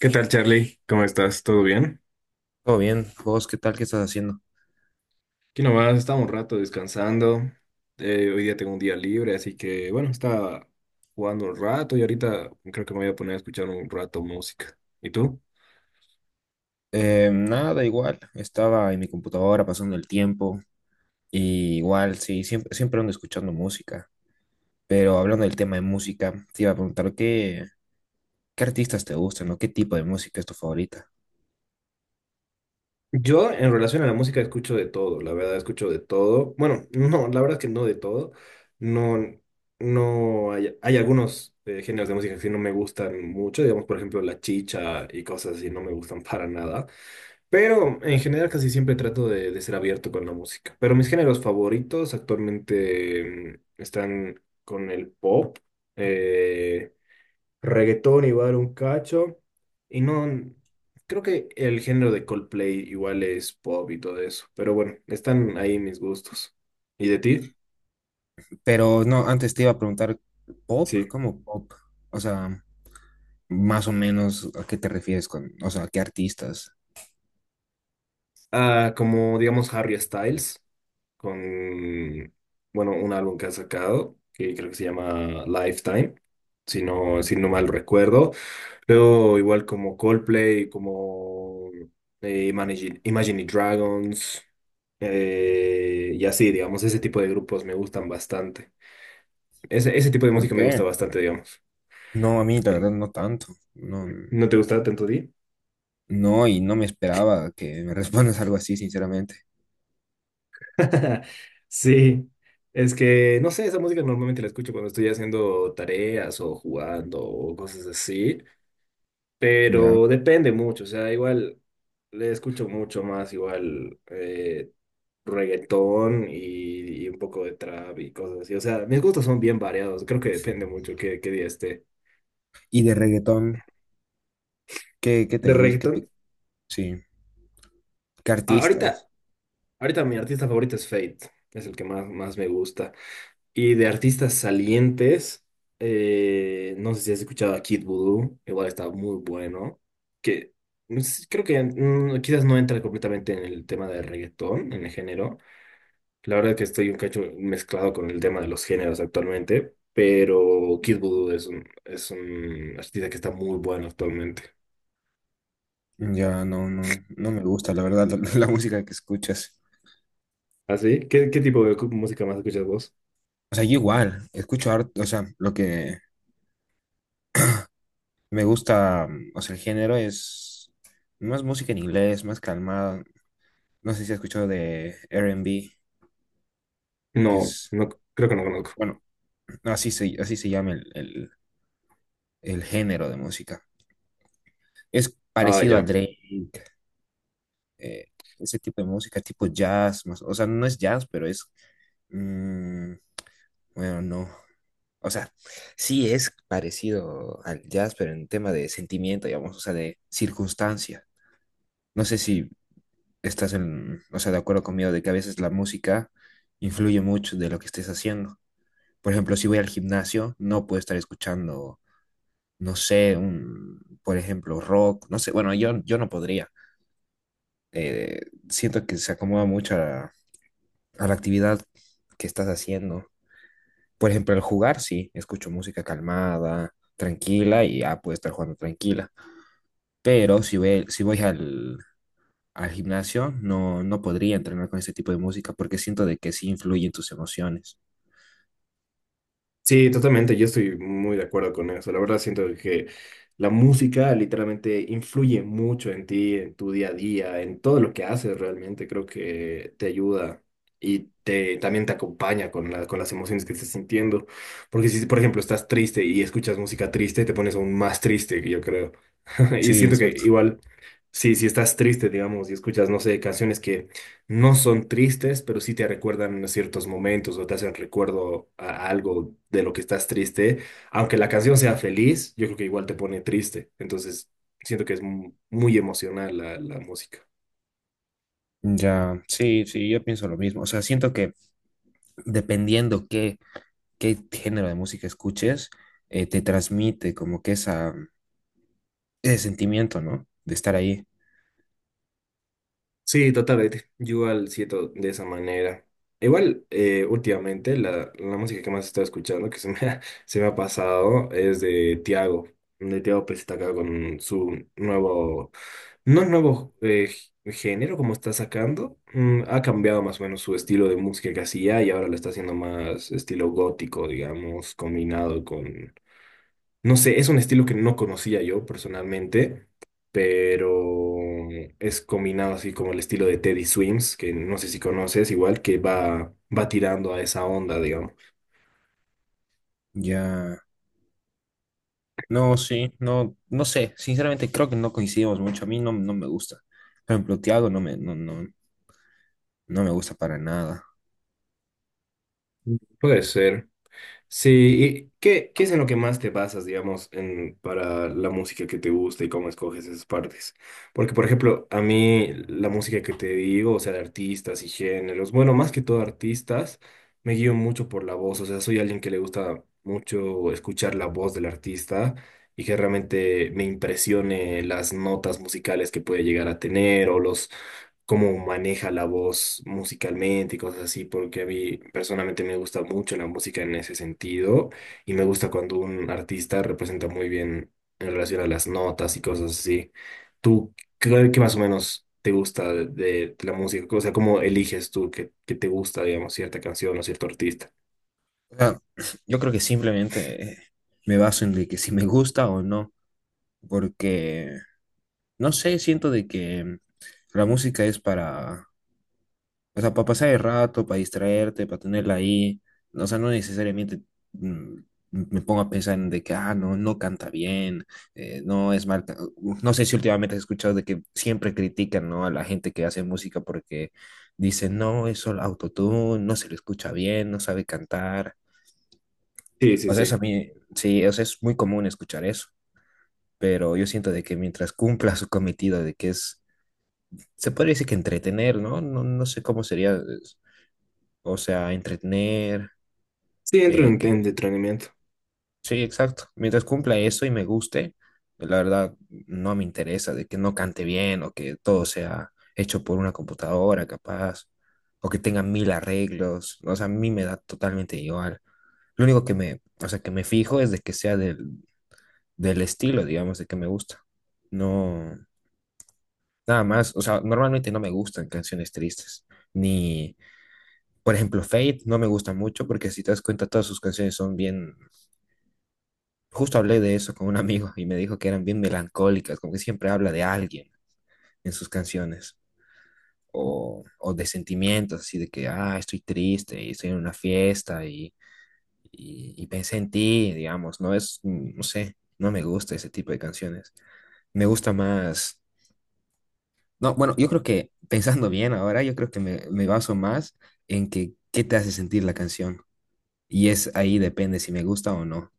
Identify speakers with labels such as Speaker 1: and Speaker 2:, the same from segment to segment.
Speaker 1: ¿Qué tal, Charlie? ¿Cómo estás? ¿Todo bien?
Speaker 2: Todo bien, vos, ¿qué tal? ¿Qué estás haciendo?
Speaker 1: Aquí nomás, estaba un rato descansando. Hoy día tengo un día libre, así que bueno, estaba jugando un rato y ahorita creo que me voy a poner a escuchar un rato música. ¿Y tú?
Speaker 2: Nada, igual, estaba en mi computadora pasando el tiempo, y igual, sí, siempre ando escuchando música, pero hablando del tema de música, te iba a preguntar qué artistas te gustan o qué tipo de música es tu favorita.
Speaker 1: Yo en relación a la música escucho de todo, la verdad escucho de todo. Bueno, no, la verdad es que no de todo. No, hay algunos géneros de música que sí no me gustan mucho, digamos por ejemplo la chicha y cosas así no me gustan para nada. Pero en general casi siempre trato de ser abierto con la música. Pero mis géneros favoritos actualmente están con el pop. eh, Reggaetón igual un cacho. Y no, creo que el género de Coldplay igual es pop y todo eso. Pero bueno, están ahí mis gustos. ¿Y de ti?
Speaker 2: Pero no, antes te iba a preguntar, ¿pop?
Speaker 1: Sí.
Speaker 2: ¿Cómo pop? O sea, más o menos, ¿a qué te refieres con, o sea, qué artistas?
Speaker 1: Ah, como digamos Harry Styles, con, bueno, un álbum que ha sacado, que creo que se llama Lifetime, si no, si no mal recuerdo. Creo igual como Coldplay, como Imagine Dragons, y así, digamos, ese tipo de grupos me gustan bastante. Ese tipo de
Speaker 2: ¿Por
Speaker 1: música me gusta
Speaker 2: qué?
Speaker 1: bastante, digamos.
Speaker 2: No, a mí la
Speaker 1: Eh,
Speaker 2: verdad no tanto, no,
Speaker 1: ¿No te gusta tanto Di?
Speaker 2: no, y no me esperaba que me respondas algo así, sinceramente.
Speaker 1: Sí, es que, no sé, esa música normalmente la escucho cuando estoy haciendo tareas o jugando o cosas así.
Speaker 2: Ya.
Speaker 1: Pero depende mucho, o sea, igual le escucho mucho más, igual reggaetón y un poco de trap y cosas así. O sea, mis gustos son bien variados, creo que depende mucho qué día esté.
Speaker 2: Y de reggaetón, qué te
Speaker 1: De
Speaker 2: gusta?
Speaker 1: reggaetón,
Speaker 2: Sí, ¿qué artistas?
Speaker 1: ahorita, ahorita mi artista favorito es Fate, es el que más me gusta. Y de artistas salientes, no sé si has escuchado a Kid Voodoo, igual está muy bueno. Que no sé, creo que quizás no entra completamente en el tema de reggaetón, en el género. La verdad que estoy un cacho mezclado con el tema de los géneros actualmente, pero Kid Voodoo es un artista que está muy bueno actualmente.
Speaker 2: Ya no, no, no me gusta, la verdad, la música que escuchas.
Speaker 1: ¿Ah, sí? ¿Qué, qué tipo de música más escuchas vos?
Speaker 2: O sea, yo igual, escucho harto, o sea, lo que me gusta, o sea, el género es más música en inglés, más calmada. ¿No sé si has escuchado de R&B, que
Speaker 1: No,
Speaker 2: es,
Speaker 1: no, creo que no
Speaker 2: no,
Speaker 1: conozco.
Speaker 2: bueno, así así se llama el género de música. Es
Speaker 1: Ah,
Speaker 2: parecido a
Speaker 1: ya.
Speaker 2: Drake, eh, ese tipo de música, tipo jazz, más, o sea, no es jazz, pero es, mm, bueno, no, o sea, sí es parecido al jazz, pero en tema de sentimiento, digamos, o sea, de circunstancia. No sé si estás en, o sea, de acuerdo conmigo de que a veces la música influye mucho de lo que estés haciendo. Por ejemplo, si voy al gimnasio, no puedo estar escuchando, no sé, un, por ejemplo, rock, no sé, bueno, yo no podría eh, siento que se acomoda mucho a la actividad que estás haciendo. Por ejemplo, al jugar, sí, escucho música calmada, tranquila y ya puedo estar jugando tranquila. Pero si voy al gimnasio, no, no podría entrenar con ese tipo de música porque siento de que sí influye en tus emociones.
Speaker 1: Sí, totalmente, yo estoy muy de acuerdo con eso. La verdad siento que la música literalmente influye mucho en ti, en tu día a día, en todo lo que haces realmente. Creo que te ayuda y te, también te acompaña con con las emociones que estés sintiendo. Porque si, por ejemplo, estás triste y escuchas música triste, te pones aún más triste, yo creo. Y
Speaker 2: Sí,
Speaker 1: siento que
Speaker 2: exacto.
Speaker 1: igual, si estás triste, digamos, y escuchas, no sé, canciones que no son tristes, pero sí te recuerdan a ciertos momentos o te hacen recuerdo a algo de lo que estás triste. Aunque la canción sea feliz, yo creo que igual te pone triste. Entonces, siento que es muy emocional la música.
Speaker 2: Ya, sí, sí, yo pienso lo mismo. O sea, siento que dependiendo qué género de música escuches, te transmite como que ese sentimiento, ¿no? De estar ahí.
Speaker 1: Sí, totalmente. Yo igual siento de esa manera. Igual, últimamente la música que más he estado escuchando, que se me ha pasado, es de Tiago. De Tiago pues está acá con su nuevo, no nuevo género como está sacando. Mm, ha cambiado más o menos su estilo de música que hacía y ahora lo está haciendo más estilo gótico, digamos, combinado con no sé, es un estilo que no conocía yo personalmente, pero es combinado así como el estilo de Teddy Swims, que no sé si conoces, igual que va tirando a esa onda, digamos.
Speaker 2: Ya. No, sí, no, no sé. Sinceramente creo que no coincidimos mucho. A mí no, no me gusta. Por ejemplo, Tiago no me, no, no, no me gusta para nada.
Speaker 1: Puede ser. Sí, ¿y qué, qué es en lo que más te basas, digamos, en, para la música que te gusta y cómo escoges esas partes? Porque, por ejemplo, a mí la música que te digo, o sea, de artistas y géneros, bueno, más que todo artistas, me guío mucho por la voz, o sea, soy alguien que le gusta mucho escuchar la voz del artista y que realmente me impresione las notas musicales que puede llegar a tener o los cómo maneja la voz musicalmente y cosas así, porque a mí personalmente me gusta mucho la música en ese sentido y me gusta cuando un artista representa muy bien en relación a las notas y cosas así. ¿Tú qué, qué más o menos te gusta de la música? O sea, ¿cómo eliges tú que te gusta, digamos, cierta canción o cierto artista?
Speaker 2: O sea, yo creo que simplemente me baso en de que si me gusta o no. Porque, no sé, siento de que la música es para o sea, para pasar el rato, para distraerte, para tenerla ahí. O sea, no necesariamente mm, me pongo a pensar en de que, ah, no, no canta bien, no es mal. ¿No sé si últimamente has escuchado de que siempre critican, ¿no? a la gente que hace música porque dicen, no, es solo autotune, no se le escucha bien, no sabe cantar.
Speaker 1: Sí, sí,
Speaker 2: O sea,
Speaker 1: sí.
Speaker 2: eso a mí, sí, o sea, es muy común escuchar eso, pero yo siento de que mientras cumpla su cometido de que es, se podría decir que entretener, ¿no? No, no sé cómo sería. O sea, entretener,
Speaker 1: Sí, entro
Speaker 2: Eh, que,
Speaker 1: en entrenamiento.
Speaker 2: sí, exacto. Mientras cumpla eso y me guste, la verdad no me interesa de que no cante bien o que todo sea hecho por una computadora capaz o que tenga mil arreglos. O sea, a mí me da totalmente igual. Lo único que me, o sea, que me fijo es de que sea del estilo, digamos, de que me gusta. No, nada más. O sea, normalmente no me gustan canciones tristes. Ni, por ejemplo, Fate no me gusta mucho porque si te das cuenta todas sus canciones son bien justo hablé de eso con un amigo y me dijo que eran bien melancólicas, como que siempre habla de alguien en sus canciones o de sentimientos, así de que, ah, estoy triste y estoy en una fiesta y pensé en ti, digamos, no no sé, no me gusta ese tipo de canciones. Me gusta más, no, bueno, yo creo que pensando bien ahora, yo creo que me baso más en que qué te hace sentir la canción y es ahí depende si me gusta o no.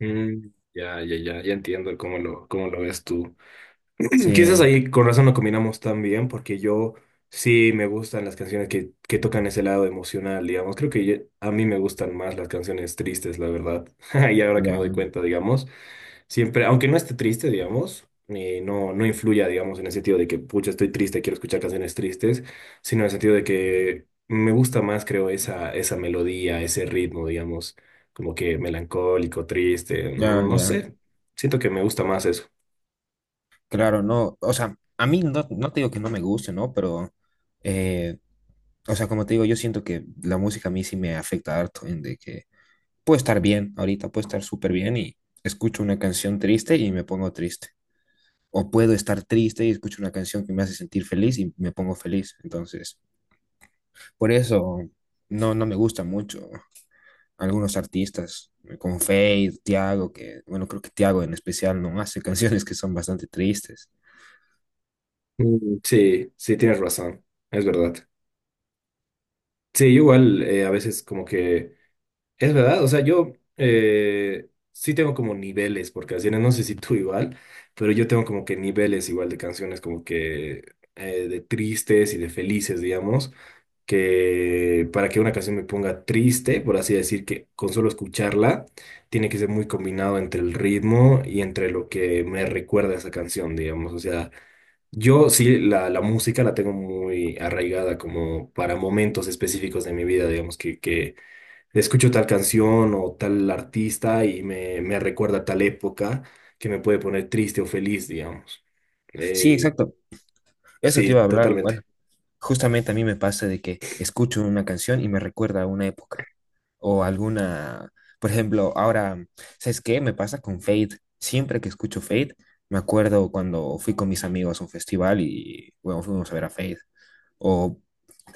Speaker 1: Mm, ya entiendo cómo lo ves tú. Quizás
Speaker 2: Sí,
Speaker 1: ahí con razón no combinamos tan bien, porque yo sí me gustan las canciones que tocan ese lado emocional, digamos. Creo que a mí me gustan más las canciones tristes, la verdad. Y ahora que me doy
Speaker 2: ya,
Speaker 1: cuenta, digamos, siempre, aunque no esté triste, digamos, no, no influya, digamos, en el sentido de que, pucha, estoy triste, quiero escuchar canciones tristes, sino en el sentido de que me gusta más, creo, esa melodía, ese ritmo, digamos, como que melancólico, triste,
Speaker 2: ya,
Speaker 1: no
Speaker 2: ya.
Speaker 1: sé. Siento que me gusta más eso.
Speaker 2: Claro, no, o sea, a mí no, no te digo que no me guste, ¿no? Pero, eh, o sea, como te digo, yo siento que la música a mí sí me afecta harto en de que puedo estar bien ahorita, puedo estar súper bien y escucho una canción triste y me pongo triste. O puedo estar triste y escucho una canción que me hace sentir feliz y me pongo feliz. Entonces, por eso no, no me gusta mucho algunos artistas como Feid, Tiago, que, bueno, creo que Tiago en especial no hace canciones que son bastante tristes.
Speaker 1: Mm, sí, sí, tienes razón, es verdad. Sí, igual a veces como que es verdad, o sea, yo sí tengo como niveles por canciones, no sé si tú igual, pero yo tengo como que niveles igual de canciones como que de tristes y de felices, digamos, que para que una canción me ponga triste, por así decir, que con solo escucharla, tiene que ser muy combinado entre el ritmo y entre lo que me recuerda a esa canción, digamos, o sea... Yo sí, la música la tengo muy arraigada como para momentos específicos de mi vida, digamos, que escucho tal canción o tal artista y me recuerda tal época que me puede poner triste o feliz, digamos.
Speaker 2: Sí,
Speaker 1: Eh,
Speaker 2: exacto. Eso te iba
Speaker 1: sí,
Speaker 2: a hablar igual.
Speaker 1: totalmente.
Speaker 2: Justamente a mí me pasa de que escucho una canción y me recuerda a una época o alguna, por ejemplo, ahora, ¿sabes qué? Me pasa con Fade. Siempre que escucho Fade, me acuerdo cuando fui con mis amigos a un festival y, bueno, fuimos a ver a Fade. O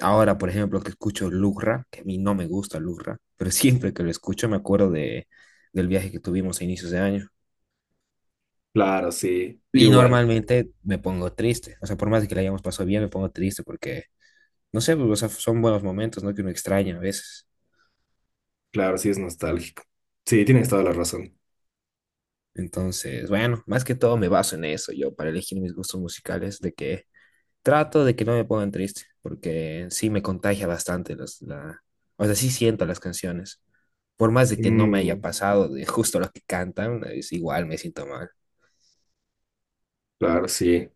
Speaker 2: ahora, por ejemplo, que escucho Lugra, que a mí no me gusta Lugra, pero siempre que lo escucho me acuerdo de, del viaje que tuvimos a inicios de año.
Speaker 1: Claro, sí, yo
Speaker 2: Y
Speaker 1: igual.
Speaker 2: normalmente me pongo triste, o sea, por más de que la hayamos pasado bien, me pongo triste porque no sé, pues, o sea, son buenos momentos, ¿no? Que uno extraña a veces.
Speaker 1: Claro, sí es nostálgico. Sí, tienes toda la razón.
Speaker 2: Entonces, bueno, más que todo me baso en eso yo para elegir mis gustos musicales, de que trato de que no me pongan triste, porque sí me contagia bastante la, o sea, sí siento las canciones. Por más de que no me haya
Speaker 1: Mm,
Speaker 2: pasado de justo lo que cantan, es igual me siento mal.
Speaker 1: claro, sí.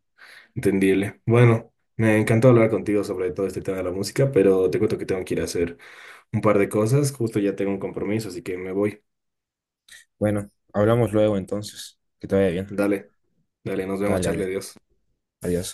Speaker 1: Entendible. Bueno, me encantó hablar contigo sobre todo este tema de la música, pero te cuento que tengo que ir a hacer un par de cosas. Justo ya tengo un compromiso, así que me voy.
Speaker 2: Bueno, hablamos luego entonces. Que te vaya bien.
Speaker 1: Dale, dale, nos vemos,
Speaker 2: Dale,
Speaker 1: Charlie,
Speaker 2: ade-
Speaker 1: adiós.
Speaker 2: Adiós.